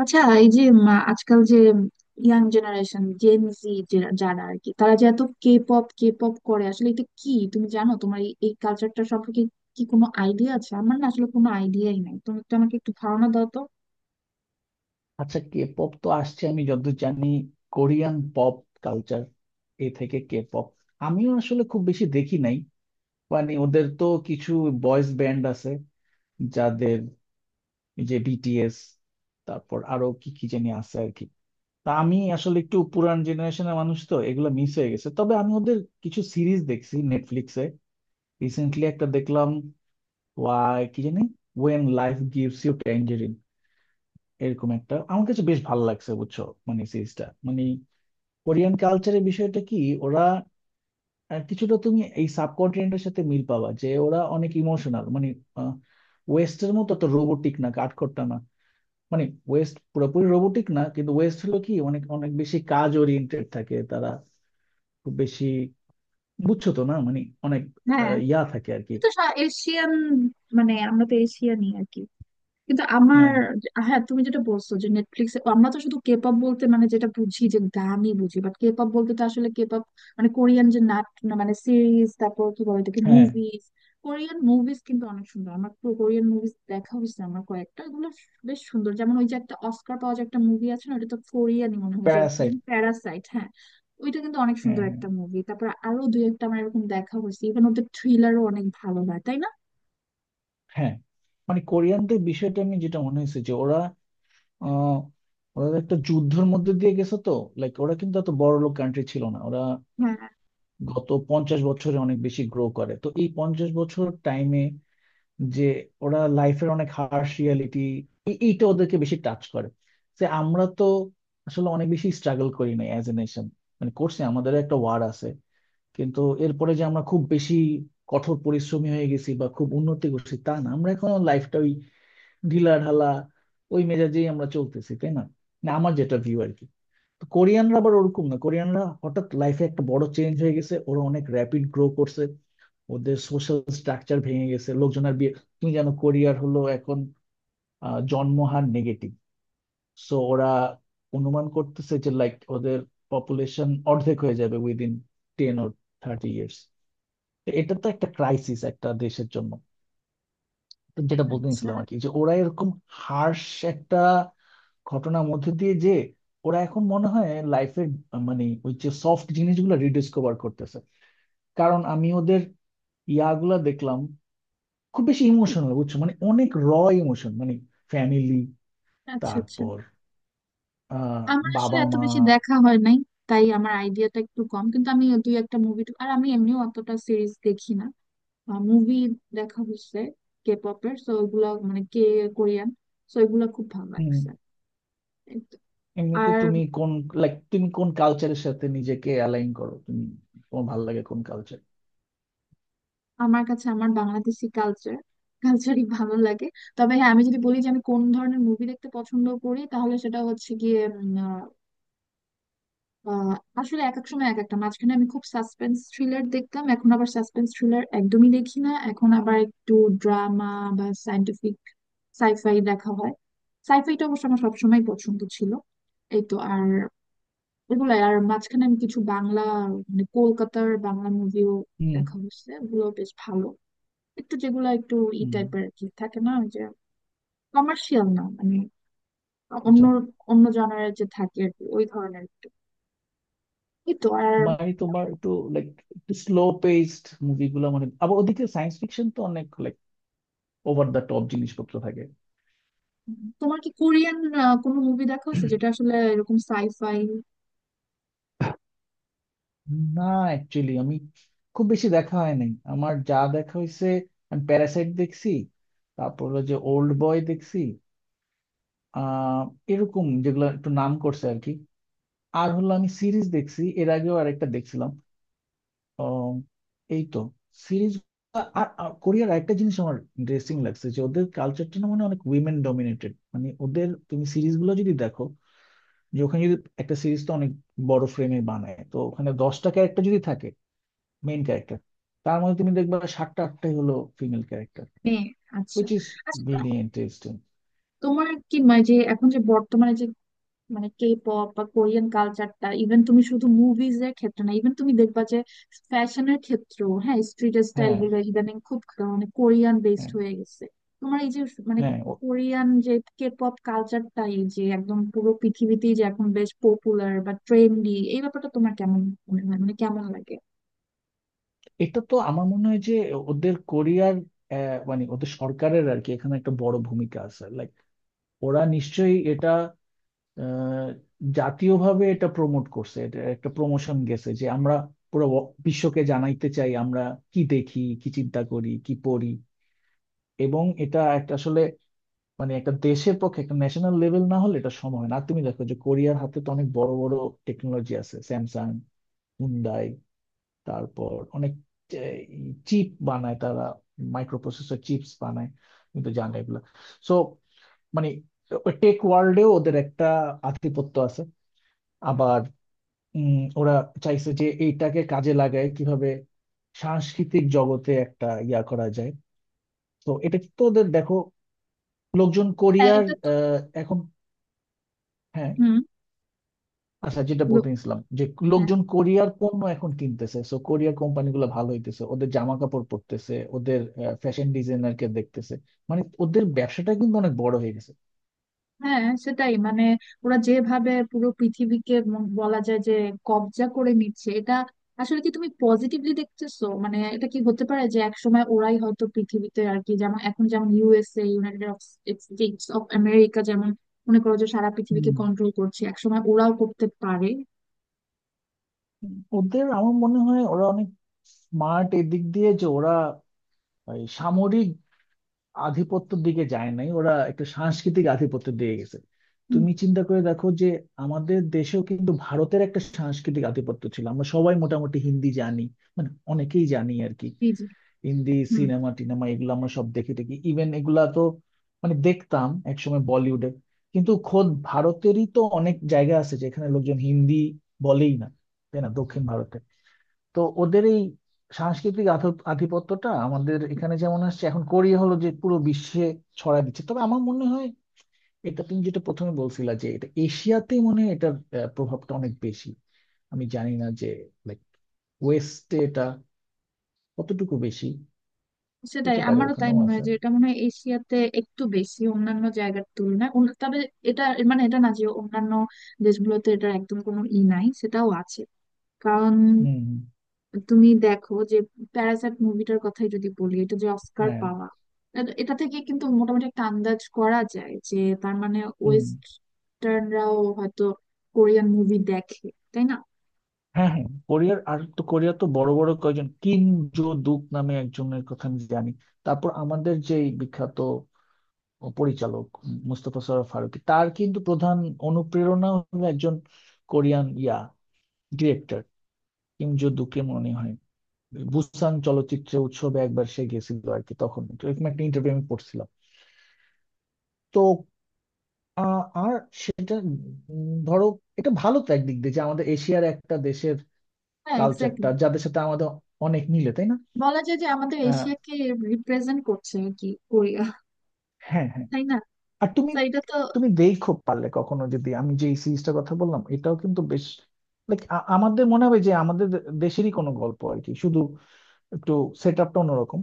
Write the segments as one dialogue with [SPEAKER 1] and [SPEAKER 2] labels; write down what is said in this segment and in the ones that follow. [SPEAKER 1] আচ্ছা, এই যে আজকাল যে ইয়াং জেনারেশন, জেন জি, যারা আর কি, তারা যে এত কে পপ কে পপ করে, আসলে এটা কি তুমি জানো? তোমার এই এই কালচারটা সম্পর্কে কি কোনো আইডিয়া আছে? আমার না আসলে কোনো আইডিয়াই নাই, তুমি একটু আমাকে একটু ধারণা দাও তো।
[SPEAKER 2] আচ্ছা, কে পপ তো আসছে আমি যতদূর জানি কোরিয়ান পপ কালচার এ থেকে কে পপ। আমিও আসলে খুব বেশি দেখি নাই। মানে ওদের তো কিছু বয়েজ ব্যান্ড আছে যাদের, এই যে বিটিএস, তারপর আরো কি কি জানি আছে আর কি। তা আমি আসলে একটু পুরান জেনারেশনের মানুষ তো এগুলো মিস হয়ে গেছে। তবে আমি ওদের কিছু সিরিজ দেখছি নেটফ্লিক্সে। রিসেন্টলি একটা দেখলাম, ওয়াই কি জানি, when life gives you tangerine, এরকম একটা, আমার কাছে বেশ ভালো লাগছে, বুঝছো, মানে সিরিজটা। মানে কোরিয়ান কালচারের বিষয়টা কি, ওরা কিছুটা তুমি এই সাবকন্টিনেন্টের সাথে মিল পাবা, যে ওরা অনেক ইমোশনাল। মানে ওয়েস্টের মতো তো রোবোটিক না, কাঠখোট্টা না। মানে ওয়েস্ট পুরোপুরি রোবোটিক না, কিন্তু ওয়েস্ট হলো কি, অনেক অনেক বেশি কাজ ওরিয়েন্টেড থাকে তারা, খুব বেশি, বুঝছো তো, না মানে অনেক
[SPEAKER 1] হ্যাঁ,
[SPEAKER 2] ইয়া থাকে আর কি।
[SPEAKER 1] তুমি তো এশিয়ান, মানে আমরা তো এশিয়ানই আর কি, কিন্তু আমার।
[SPEAKER 2] হ্যাঁ,
[SPEAKER 1] হ্যাঁ, তুমি যেটা বলছো যে নেটফ্লিক্সে, আমরা তো শুধু কেপপ বলতে মানে যেটা বুঝি যে গানই বুঝি, বাট কেপপ বলতে তো আসলে কেপপ মানে কোরিয়ান যে নাট না মানে সিরিজ, তারপর কি বলে এটাকে,
[SPEAKER 2] হ্যাঁ,
[SPEAKER 1] মুভিজ। কোরিয়ান মুভিজ কিন্তু অনেক সুন্দর, আমার কোরিয়ান মুভিজ দেখা হয়েছে আমার কয়েকটা। এগুলো বেশ সুন্দর, যেমন ওই যে একটা অস্কার পাওয়া যে একটা মুভি আছে না, ওটা তো কোরিয়ানই মনে হয় যে,
[SPEAKER 2] প্যারাসাইট,
[SPEAKER 1] প্যারাসাইট, হ্যাঁ। ওইটা কিন্তু অনেক
[SPEAKER 2] হ্যাঁ,
[SPEAKER 1] সুন্দর
[SPEAKER 2] হ্যাঁ,
[SPEAKER 1] একটা মুভি। তারপর আরো দুই একটা আমার এরকম দেখা হয়েছে, ইভেন ওদের থ্রিলারও অনেক ভালো হয়, তাই না?
[SPEAKER 2] হ্যাঁ। মানে কোরিয়ানদের বিষয়টা আমি যেটা মনে হয়েছে যে ওরা, আহ ওরা একটা যুদ্ধের মধ্যে দিয়ে গেছে তো। লাইক ওরা কিন্তু এত বড় লোক কান্ট্রি ছিল না। ওরা
[SPEAKER 1] হ্যাঁ,
[SPEAKER 2] গত 50 বছরে অনেক বেশি গ্রো করে, তো এই 50 বছর টাইমে যে, ওরা লাইফের অনেক হার্শ রিয়ালিটি, এইটা ওদেরকে বেশি টাচ করে। যে আমরা তো আসলে অনেক বেশি স্ট্রাগল করি না অ্যাজ এ নেশন। মানে করছি, আমাদের একটা ওয়ার আছে, কিন্তু এরপরে যে আমরা খুব বেশি কঠোর পরিশ্রমী হয়ে গেছি বা খুব উন্নতি করছি তা না। আমরা এখন লাইফটা ঢিলা ঢালা ওই মেজাজেই আমরা চলতেছি, তাই না? না, আমার যেটা ভিউ আর কি। তো কোরিয়ানরা আবার ওরকম না, কোরিয়ানরা হঠাৎ লাইফে একটা বড় চেঞ্জ হয়ে গেছে, ওরা অনেক র্যাপিড গ্রো করছে, ওদের সোশ্যাল স্ট্রাকচার ভেঙে গেছে, লোকজনের বিয়ে। তুমি জানো কোরিয়ার হলো এখন জন্মহার নেগেটিভ। সো ওরা অনুমান করতেছে যে লাইক ওদের পপুলেশন অর্ধেক হয়ে যাবে উইদিন 10 বা 30 বছরে। এটা তো একটা ক্রাইসিস একটা দেশের জন্য। তো যেটা বলতে
[SPEAKER 1] আচ্ছা
[SPEAKER 2] নিছিলাম আর কি, যে ওরা এরকম হার্শ একটা ঘটনার মধ্যে দিয়ে, যে ওরা এখন মনে হয় লাইফের, মানে ওই যে সফট জিনিসগুলো রিডিসকভার করতেছে। কারণ আমি ওদের ইয়াগুলা দেখলাম, খুব বেশি ইমোশনাল, বুঝছো, মানে অনেক র ইমোশন, মানে ফ্যামিলি,
[SPEAKER 1] আচ্ছা। আচ্ছা,
[SPEAKER 2] তারপর আহ
[SPEAKER 1] আমার আসলে
[SPEAKER 2] বাবা
[SPEAKER 1] এত
[SPEAKER 2] মা।
[SPEAKER 1] বেশি দেখা হয় নাই, তাই আমার আইডিয়াটা একটু কম, কিন্তু আমি দুই একটা মুভি, আর আমি এমনিও অতটা সিরিজ দেখি না, মুভি দেখা হচ্ছে কে পপের, সো ওগুলা মানে কে, কোরিয়ান, সো এগুলা খুব ভালো লাগছে,
[SPEAKER 2] উম,
[SPEAKER 1] এই তো।
[SPEAKER 2] এমনিতে
[SPEAKER 1] আর
[SPEAKER 2] তুমি কোন, লাইক, তুমি কোন কালচারের সাথে নিজেকে অ্যালাইন করো? তুমি, তোমার ভালো লাগে কোন কালচার?
[SPEAKER 1] আমার কাছে আমার বাংলাদেশি কালচারই ভালো লাগে। তবে হ্যাঁ, আমি যদি বলি যে আমি কোন ধরনের মুভি দেখতে পছন্দ করি, তাহলে সেটা হচ্ছে গিয়ে আহ, আসলে এক এক সময় এক একটা, মাঝখানে আমি খুব সাসপেন্স থ্রিলার দেখতাম, এখন আবার সাসপেন্স থ্রিলার একদমই দেখি না, এখন আবার একটু ড্রামা বা সায়েন্টিফিক সাইফাই দেখা হয়। সাইফাইটা অবশ্য আমার সবসময় পছন্দ ছিল, এই তো। আর এগুলো, আর মাঝখানে আমি কিছু বাংলা মানে কলকাতার বাংলা মুভিও
[SPEAKER 2] হুম,
[SPEAKER 1] দেখা হচ্ছে, ওগুলো বেশ ভালো, একটু যেগুলো একটু ই
[SPEAKER 2] হুম,
[SPEAKER 1] টাইপের কি থাকে না, ওই যে কমার্শিয়াল না মানে অন্য,
[SPEAKER 2] আচ্ছা।
[SPEAKER 1] অন্য জনারের যে থাকে আর কি, ওই ধরনের একটু, এই তো। আর
[SPEAKER 2] মানে তোমার একটু, লাইক, একটু স্লো পেসড মুভিগুলো। মানে আবার ওদিকে সায়েন্স ফিকশন তো অনেক ওভার দ্য টপ জিনিসপত্র থাকে।
[SPEAKER 1] তোমার কি কোরিয়ান কোনো মুভি দেখা হয়েছে যেটা আসলে এরকম সাইফাই
[SPEAKER 2] না, অ্যাকচুয়ালি আমি খুব বেশি দেখা হয় নাই। আমার যা দেখা হয়েছে, আমি প্যারাসাইট দেখছি, তারপর হলো যে ওল্ড বয় দেখছি, আহ এরকম যেগুলো একটু নাম করছে আর কি। আর হলো আমি সিরিজ দেখছি, এর আগেও আরেকটা দেখছিলাম, আহ, এই তো সিরিজ। আর আর কোরিয়ার একটা জিনিস আমার ইন্টারেস্টিং লাগছে, যে ওদের কালচারটা না মানে অনেক উইমেন ডমিনেটেড। মানে ওদের তুমি সিরিজগুলো যদি দেখো যে ওখানে যদি, একটা সিরিজ তো অনেক বড় ফ্রেমে বানায়, তো ওখানে 10টা ক্যারেক্টার যদি থাকে মেইন ক্যারেক্টার, তার মধ্যে তুমি দেখবা 7-8টাই হলো ফিমেল ক্যারেক্টার,
[SPEAKER 1] নিয়ে? আচ্ছা
[SPEAKER 2] উইচ ইজ
[SPEAKER 1] আচ্ছা,
[SPEAKER 2] ভেরি ইন্টারেস্টিং।
[SPEAKER 1] তোমার কি মানে যে এখন যে বর্তমানে যে মানে কে পপ বা কোরিয়ান কালচারটা, ইভেন তুমি শুধু মুভিজ এর ক্ষেত্রে না, ইভেন তুমি দেখবা যে ফ্যাশনের ক্ষেত্রেও, হ্যাঁ স্ট্রিট স্টাইল
[SPEAKER 2] হ্যাঁ,
[SPEAKER 1] গুলো ইদানিং খুব মানে কোরিয়ান বেসড
[SPEAKER 2] হ্যাঁ,
[SPEAKER 1] হয়ে গেছে। তোমার এই যে মানে
[SPEAKER 2] হ্যাঁ,
[SPEAKER 1] কোরিয়ান যে কে পপ কালচারটা, এই যে একদম পুরো পৃথিবীতেই যে এখন বেশ পপুলার বা ট্রেন্ডি, এই ব্যাপারটা তোমার কেমন মনে হয়, মানে কেমন লাগে?
[SPEAKER 2] এটা তো আমার মনে হয় যে, ওদের কোরিয়ার মানে ওদের সরকারের আর কি এখানে একটা বড় ভূমিকা আছে। লাইক ওরা নিশ্চয়ই এটা আহ, জাতীয়ভাবে এটা প্রমোট করছে, এটা একটা প্রমোশন গেছে যে আমরা পুরো বিশ্বকে জানাইতে চাই আমরা কি দেখি, কি চিন্তা করি, কি পড়ি। এবং এটা একটা আসলে, মানে একটা দেশের পক্ষে একটা ন্যাশনাল লেভেল না হলে এটা সম্ভব হয় না। আর তুমি দেখো যে কোরিয়ার হাতে তো অনেক বড় বড় টেকনোলজি আছে, স্যামসাং, হুন্ডাই, তারপর অনেক চিপ বানায় তারা, মাইক্রো প্রসেসর চিপস বানায়, তুমি তো জানো এগুলা। সো মানে টেক ওয়ার্ল্ডেও ওদের একটা আধিপত্য আছে। আবার ওরা চাইছে যে এইটাকে কাজে লাগায় কিভাবে সাংস্কৃতিক জগতে একটা ইয়া করা যায়। তো এটা তো ওদের দেখো, লোকজন
[SPEAKER 1] হ্যাঁ
[SPEAKER 2] কোরিয়ার
[SPEAKER 1] এটা তো,
[SPEAKER 2] এখন, হ্যাঁ,
[SPEAKER 1] হুম,
[SPEAKER 2] আচ্ছা, যেটা বলতে নিছিলাম যে
[SPEAKER 1] হ্যাঁ
[SPEAKER 2] লোকজন কোরিয়ার পণ্য এখন কিনতেছে, সো কোরিয়ার কোম্পানিগুলো ভালো হইতেছে, ওদের জামা কাপড় পরতেছে, ওদের ফ্যাশন ডিজাইনারকে দেখতেছে, মানে ওদের ব্যবসাটা কিন্তু অনেক বড় হয়ে গেছে।
[SPEAKER 1] হ্যাঁ, সেটাই মানে ওরা যেভাবে পুরো পৃথিবীকে বলা যায় যে কবজা করে নিচ্ছে, এটা আসলে কি তুমি পজিটিভলি দেখতেছো? মানে এটা কি হতে পারে যে একসময় ওরাই হয়তো পৃথিবীতে আর কি, যেমন এখন যেমন USA, United States of America যেমন মনে করো যে সারা পৃথিবীকে
[SPEAKER 2] হুম।
[SPEAKER 1] কন্ট্রোল করছে, একসময় ওরাও করতে পারে।
[SPEAKER 2] ওদের আমার মনে হয় ওরা অনেক স্মার্ট এদিক দিয়ে যে ওরা এই সামরিক আধিপত্যের দিকে যায় নাই, ওরা একটা সাংস্কৃতিক আধিপত্যের দিকে গেছে।
[SPEAKER 1] হুম,
[SPEAKER 2] তুমি চিন্তা করে দেখো যে আমাদের দেশেও কিন্তু ভারতের একটা সাংস্কৃতিক আধিপত্য ছিল, আমরা সবাই মোটামুটি হিন্দি জানি, মানে অনেকেই জানি আর কি।
[SPEAKER 1] জি জি,
[SPEAKER 2] হিন্দি
[SPEAKER 1] হুম।
[SPEAKER 2] সিনেমা টিনেমা এগুলো আমরা সব দেখে থাকি, ইভেন এগুলা তো মানে দেখতাম একসময়, বলিউডে। কিন্তু খোদ ভারতেরই তো অনেক জায়গা আছে যেখানে লোকজন হিন্দি বলেই না, তাই না, দক্ষিণ ভারতে। তো ওদের এই সাংস্কৃতিক আধিপত্যটা আমাদের এখানে যেমন আসছে, এখন কোরিয়া হলো যে পুরো বিশ্বে ছড়ায় দিচ্ছে। তবে আমার মনে হয় এটা, তুমি যেটা প্রথমে বলছিলা, যে এটা এশিয়াতেই মনে হয় এটার প্রভাবটা অনেক বেশি। আমি জানি না যে, লাইক, ওয়েস্টে এটা কতটুকু বেশি।
[SPEAKER 1] সেটাই,
[SPEAKER 2] হইতে পারে
[SPEAKER 1] আমারও তাই
[SPEAKER 2] ওখানেও
[SPEAKER 1] মনে
[SPEAKER 2] আছে।
[SPEAKER 1] হয় যে এটা মনে হয় এশিয়াতে একটু বেশি অন্যান্য জায়গার তুলনায়, তবে এটা মানে এটা না যে অন্যান্য দেশগুলোতে এটা একদম কোনো ই নাই, সেটাও আছে। কারণ
[SPEAKER 2] হুম, হুম,
[SPEAKER 1] তুমি দেখো যে প্যারাসাইট মুভিটার কথাই যদি বলি, এটা যে অস্কার
[SPEAKER 2] হ্যাঁ,
[SPEAKER 1] পাওয়া, এটা থেকে কিন্তু মোটামুটি একটা আন্দাজ করা যায় যে তার মানে
[SPEAKER 2] হুম,
[SPEAKER 1] ওয়েস্টার্নরাও হয়তো কোরিয়ান মুভি দেখে, তাই না?
[SPEAKER 2] হ্যাঁ, হ্যাঁ, কোরিয়ার আর, তো কোরিয়া তো বড় বড় কয়জন, কিম জো দুক নামে একজনের কথা আমি জানি। তারপর আমাদের যেই বিখ্যাত পরিচালক, মুস্তফা সরোয়ার ফারুকী, তার কিন্তু প্রধান অনুপ্রেরণা হলো একজন কোরিয়ান ইয়া ডিরেক্টর, কিম জো দুকে মনে হয়। বুসান চলচ্চিত্র উৎসবে একবার সে গেছিল আর কি, তখন এরকম একটা ইন্টারভিউ আমি পড়ছিলাম। তো আর সেটা, ধরো, এটা ভালো তো একদিক দিয়ে যে আমাদের এশিয়ার একটা দেশের
[SPEAKER 1] হ্যাঁ এক্স্যাক্টলি,
[SPEAKER 2] কালচারটা, যাদের সাথে আমাদের অনেক মিলে, তাই না?
[SPEAKER 1] বলা যায় যে আমাদের
[SPEAKER 2] আহ,
[SPEAKER 1] এশিয়াকে রিপ্রেজেন্ট করছে আর কি কোরিয়া,
[SPEAKER 2] হ্যাঁ, হ্যাঁ,
[SPEAKER 1] তাই না?
[SPEAKER 2] আর তুমি,
[SPEAKER 1] তো এটা তো।
[SPEAKER 2] তুমি দেখো পারলে কখনো, যদি, আমি যে সিরিজটার কথা বললাম এটাও কিন্তু বেশ, লাইক, আমাদের মনে হবে যে আমাদের দেশেরই কোনো গল্প আর কি, শুধু একটু সেট আপটা অন্যরকম।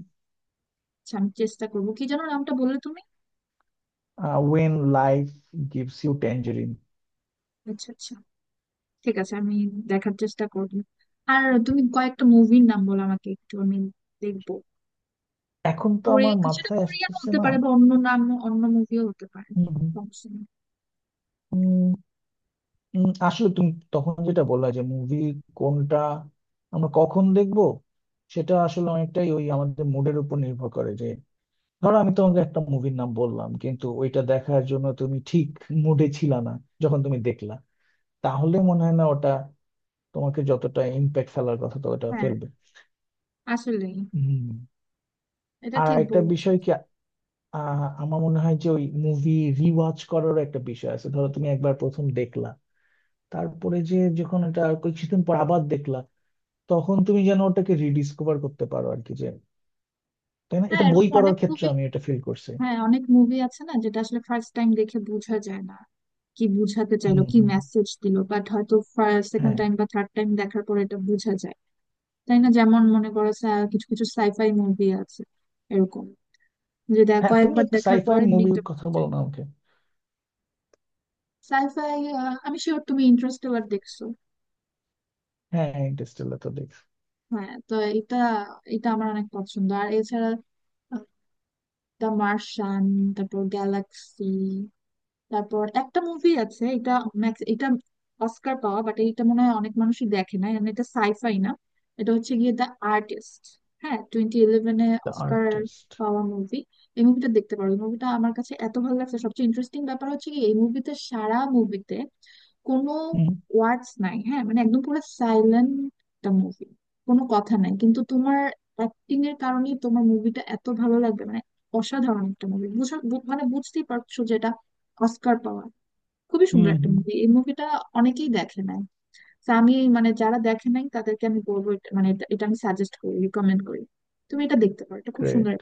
[SPEAKER 1] আচ্ছা, আমি চেষ্টা করবো, কি যেন নামটা বললে তুমি?
[SPEAKER 2] When life gives you tangerine.
[SPEAKER 1] আচ্ছা আচ্ছা, ঠিক আছে, আমি দেখার চেষ্টা করবো। আর তুমি কয়েকটা মুভির নাম বলো আমাকে, একটু আমি দেখবো,
[SPEAKER 2] এখন তো
[SPEAKER 1] কোরি
[SPEAKER 2] আমার
[SPEAKER 1] সেটা
[SPEAKER 2] মাথায়
[SPEAKER 1] কোরিয়ান
[SPEAKER 2] আসতেছে
[SPEAKER 1] হতে
[SPEAKER 2] না।
[SPEAKER 1] পারে বা অন্য নাম, অন্য মুভিও হতে পারে,
[SPEAKER 2] হুম।
[SPEAKER 1] সমস্যা নেই।
[SPEAKER 2] উম, উম, আসলে তুমি তখন যেটা বললা যে মুভি কোনটা আমরা কখন দেখবো সেটা আসলে অনেকটাই ওই আমাদের মুডের উপর নির্ভর করে। ধরো আমি তোমাকে একটা মুভির নাম বললাম, কিন্তু ওইটা দেখার জন্য তুমি ঠিক মুডে ছিল না যখন তুমি দেখলা, তাহলে মনে হয় না ওটা তোমাকে যতটা ইম্প্যাক্ট ফেলার কথা তো ওটা
[SPEAKER 1] হ্যাঁ,
[SPEAKER 2] ফেলবে।
[SPEAKER 1] আসলেই,
[SPEAKER 2] হম।
[SPEAKER 1] এটা
[SPEAKER 2] আর
[SPEAKER 1] ঠিক
[SPEAKER 2] একটা
[SPEAKER 1] বলছো।
[SPEAKER 2] বিষয় কি, আমার মনে হয় যে ওই মুভি রিওয়াচ করারও একটা বিষয় আছে। ধরো তুমি একবার প্রথম দেখলা, তারপরে যে যখন এটা আর কিছুদিন পর আবার দেখলা, তখন তুমি যেন ওটাকে রিডিসকভার করতে পারো আর কি, যে, তাই না?
[SPEAKER 1] হ্যাঁ
[SPEAKER 2] এটা বই
[SPEAKER 1] এরকম
[SPEAKER 2] পড়ার
[SPEAKER 1] অনেক
[SPEAKER 2] ক্ষেত্রে
[SPEAKER 1] মুভি,
[SPEAKER 2] আমি এটা ফিল করছি।
[SPEAKER 1] হ্যাঁ অনেক মুভি আছে না, যেটা আসলে ফার্স্ট টাইম দেখে বোঝা যায় না কি বুঝাতে চাইলো,
[SPEAKER 2] হম,
[SPEAKER 1] কি
[SPEAKER 2] হম,
[SPEAKER 1] মেসেজ দিলো, বাট হয়তো সেকেন্ড
[SPEAKER 2] হ্যাঁ,
[SPEAKER 1] টাইম বা থার্ড টাইম দেখার পর এটা বোঝা যায়, তাই না? যেমন মনে করো কিছু কিছু সাইফাই মুভি আছে এরকম যে
[SPEAKER 2] হ্যাঁ, তুমি
[SPEAKER 1] কয়েকবার
[SPEAKER 2] একটা
[SPEAKER 1] দেখার
[SPEAKER 2] সাইফাই
[SPEAKER 1] পরে
[SPEAKER 2] মুভির
[SPEAKER 1] মিনিংটা
[SPEAKER 2] কথা
[SPEAKER 1] বোঝা যায়।
[SPEAKER 2] বলো না আমাকে।
[SPEAKER 1] সাইফাই, আমি শিওর তুমি ইন্টারস্টেলার দেখছো।
[SPEAKER 2] হ্যাঁ, ইন্টারস্টেলার তো দেখছি।
[SPEAKER 1] হ্যাঁ, তো এটা এটা আমার অনেক পছন্দ। আর এছাড়া দ্য মার্শিয়ান, তারপর গ্যালাক্সি, তারপর একটা মুভি আছে, এটা ম্যাক্স, এটা অস্কার পাওয়া বাট এটা মনে হয় অনেক মানুষই দেখে না, মানে এটা সাইফাই না, এটা হচ্ছে গিয়ে দ্য আর্টিস্ট। হ্যাঁ, 2011-তে
[SPEAKER 2] দ্য
[SPEAKER 1] অস্কার
[SPEAKER 2] আর্টিস্ট।
[SPEAKER 1] পাওয়া মুভি। এই মুভিটা দেখতে পারো, এই মুভিটা আমার কাছে এত ভালো লাগছে। সবচেয়ে ইন্টারেস্টিং ব্যাপার হচ্ছে কি, এই মুভিতে, সারা মুভিতে কোনো
[SPEAKER 2] হুম,
[SPEAKER 1] ওয়ার্ডস নাই, হ্যাঁ মানে একদম পুরো সাইলেন্ট একটা মুভি, কোনো কথা নাই, কিন্তু তোমার অ্যাক্টিং এর কারণে তোমার মুভিটা এত ভালো লাগবে, মানে অসাধারণ একটা মুভি। মানে বুঝতেই পারছো যেটা অস্কার পাওয়া, খুবই সুন্দর
[SPEAKER 2] হুম,
[SPEAKER 1] একটা
[SPEAKER 2] হুম,
[SPEAKER 1] মুভি এই মুভিটা, অনেকেই দেখে নাই। তো আমি মানে যারা দেখে নাই তাদেরকে আমি বলবো মানে এটা এটা আমি সাজেস্ট করি, রিকমেন্ড করি, তুমি এটা দেখতে পারো, এটা খুব সুন্দর।
[SPEAKER 2] গ্রেট।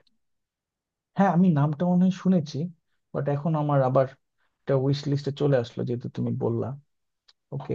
[SPEAKER 2] হ্যাঁ, আমি নামটা মনে হয় শুনেছি, বাট এখন আমার আবার একটা উইশ লিস্টে চলে আসলো যেহেতু তুমি বললা। ওকে।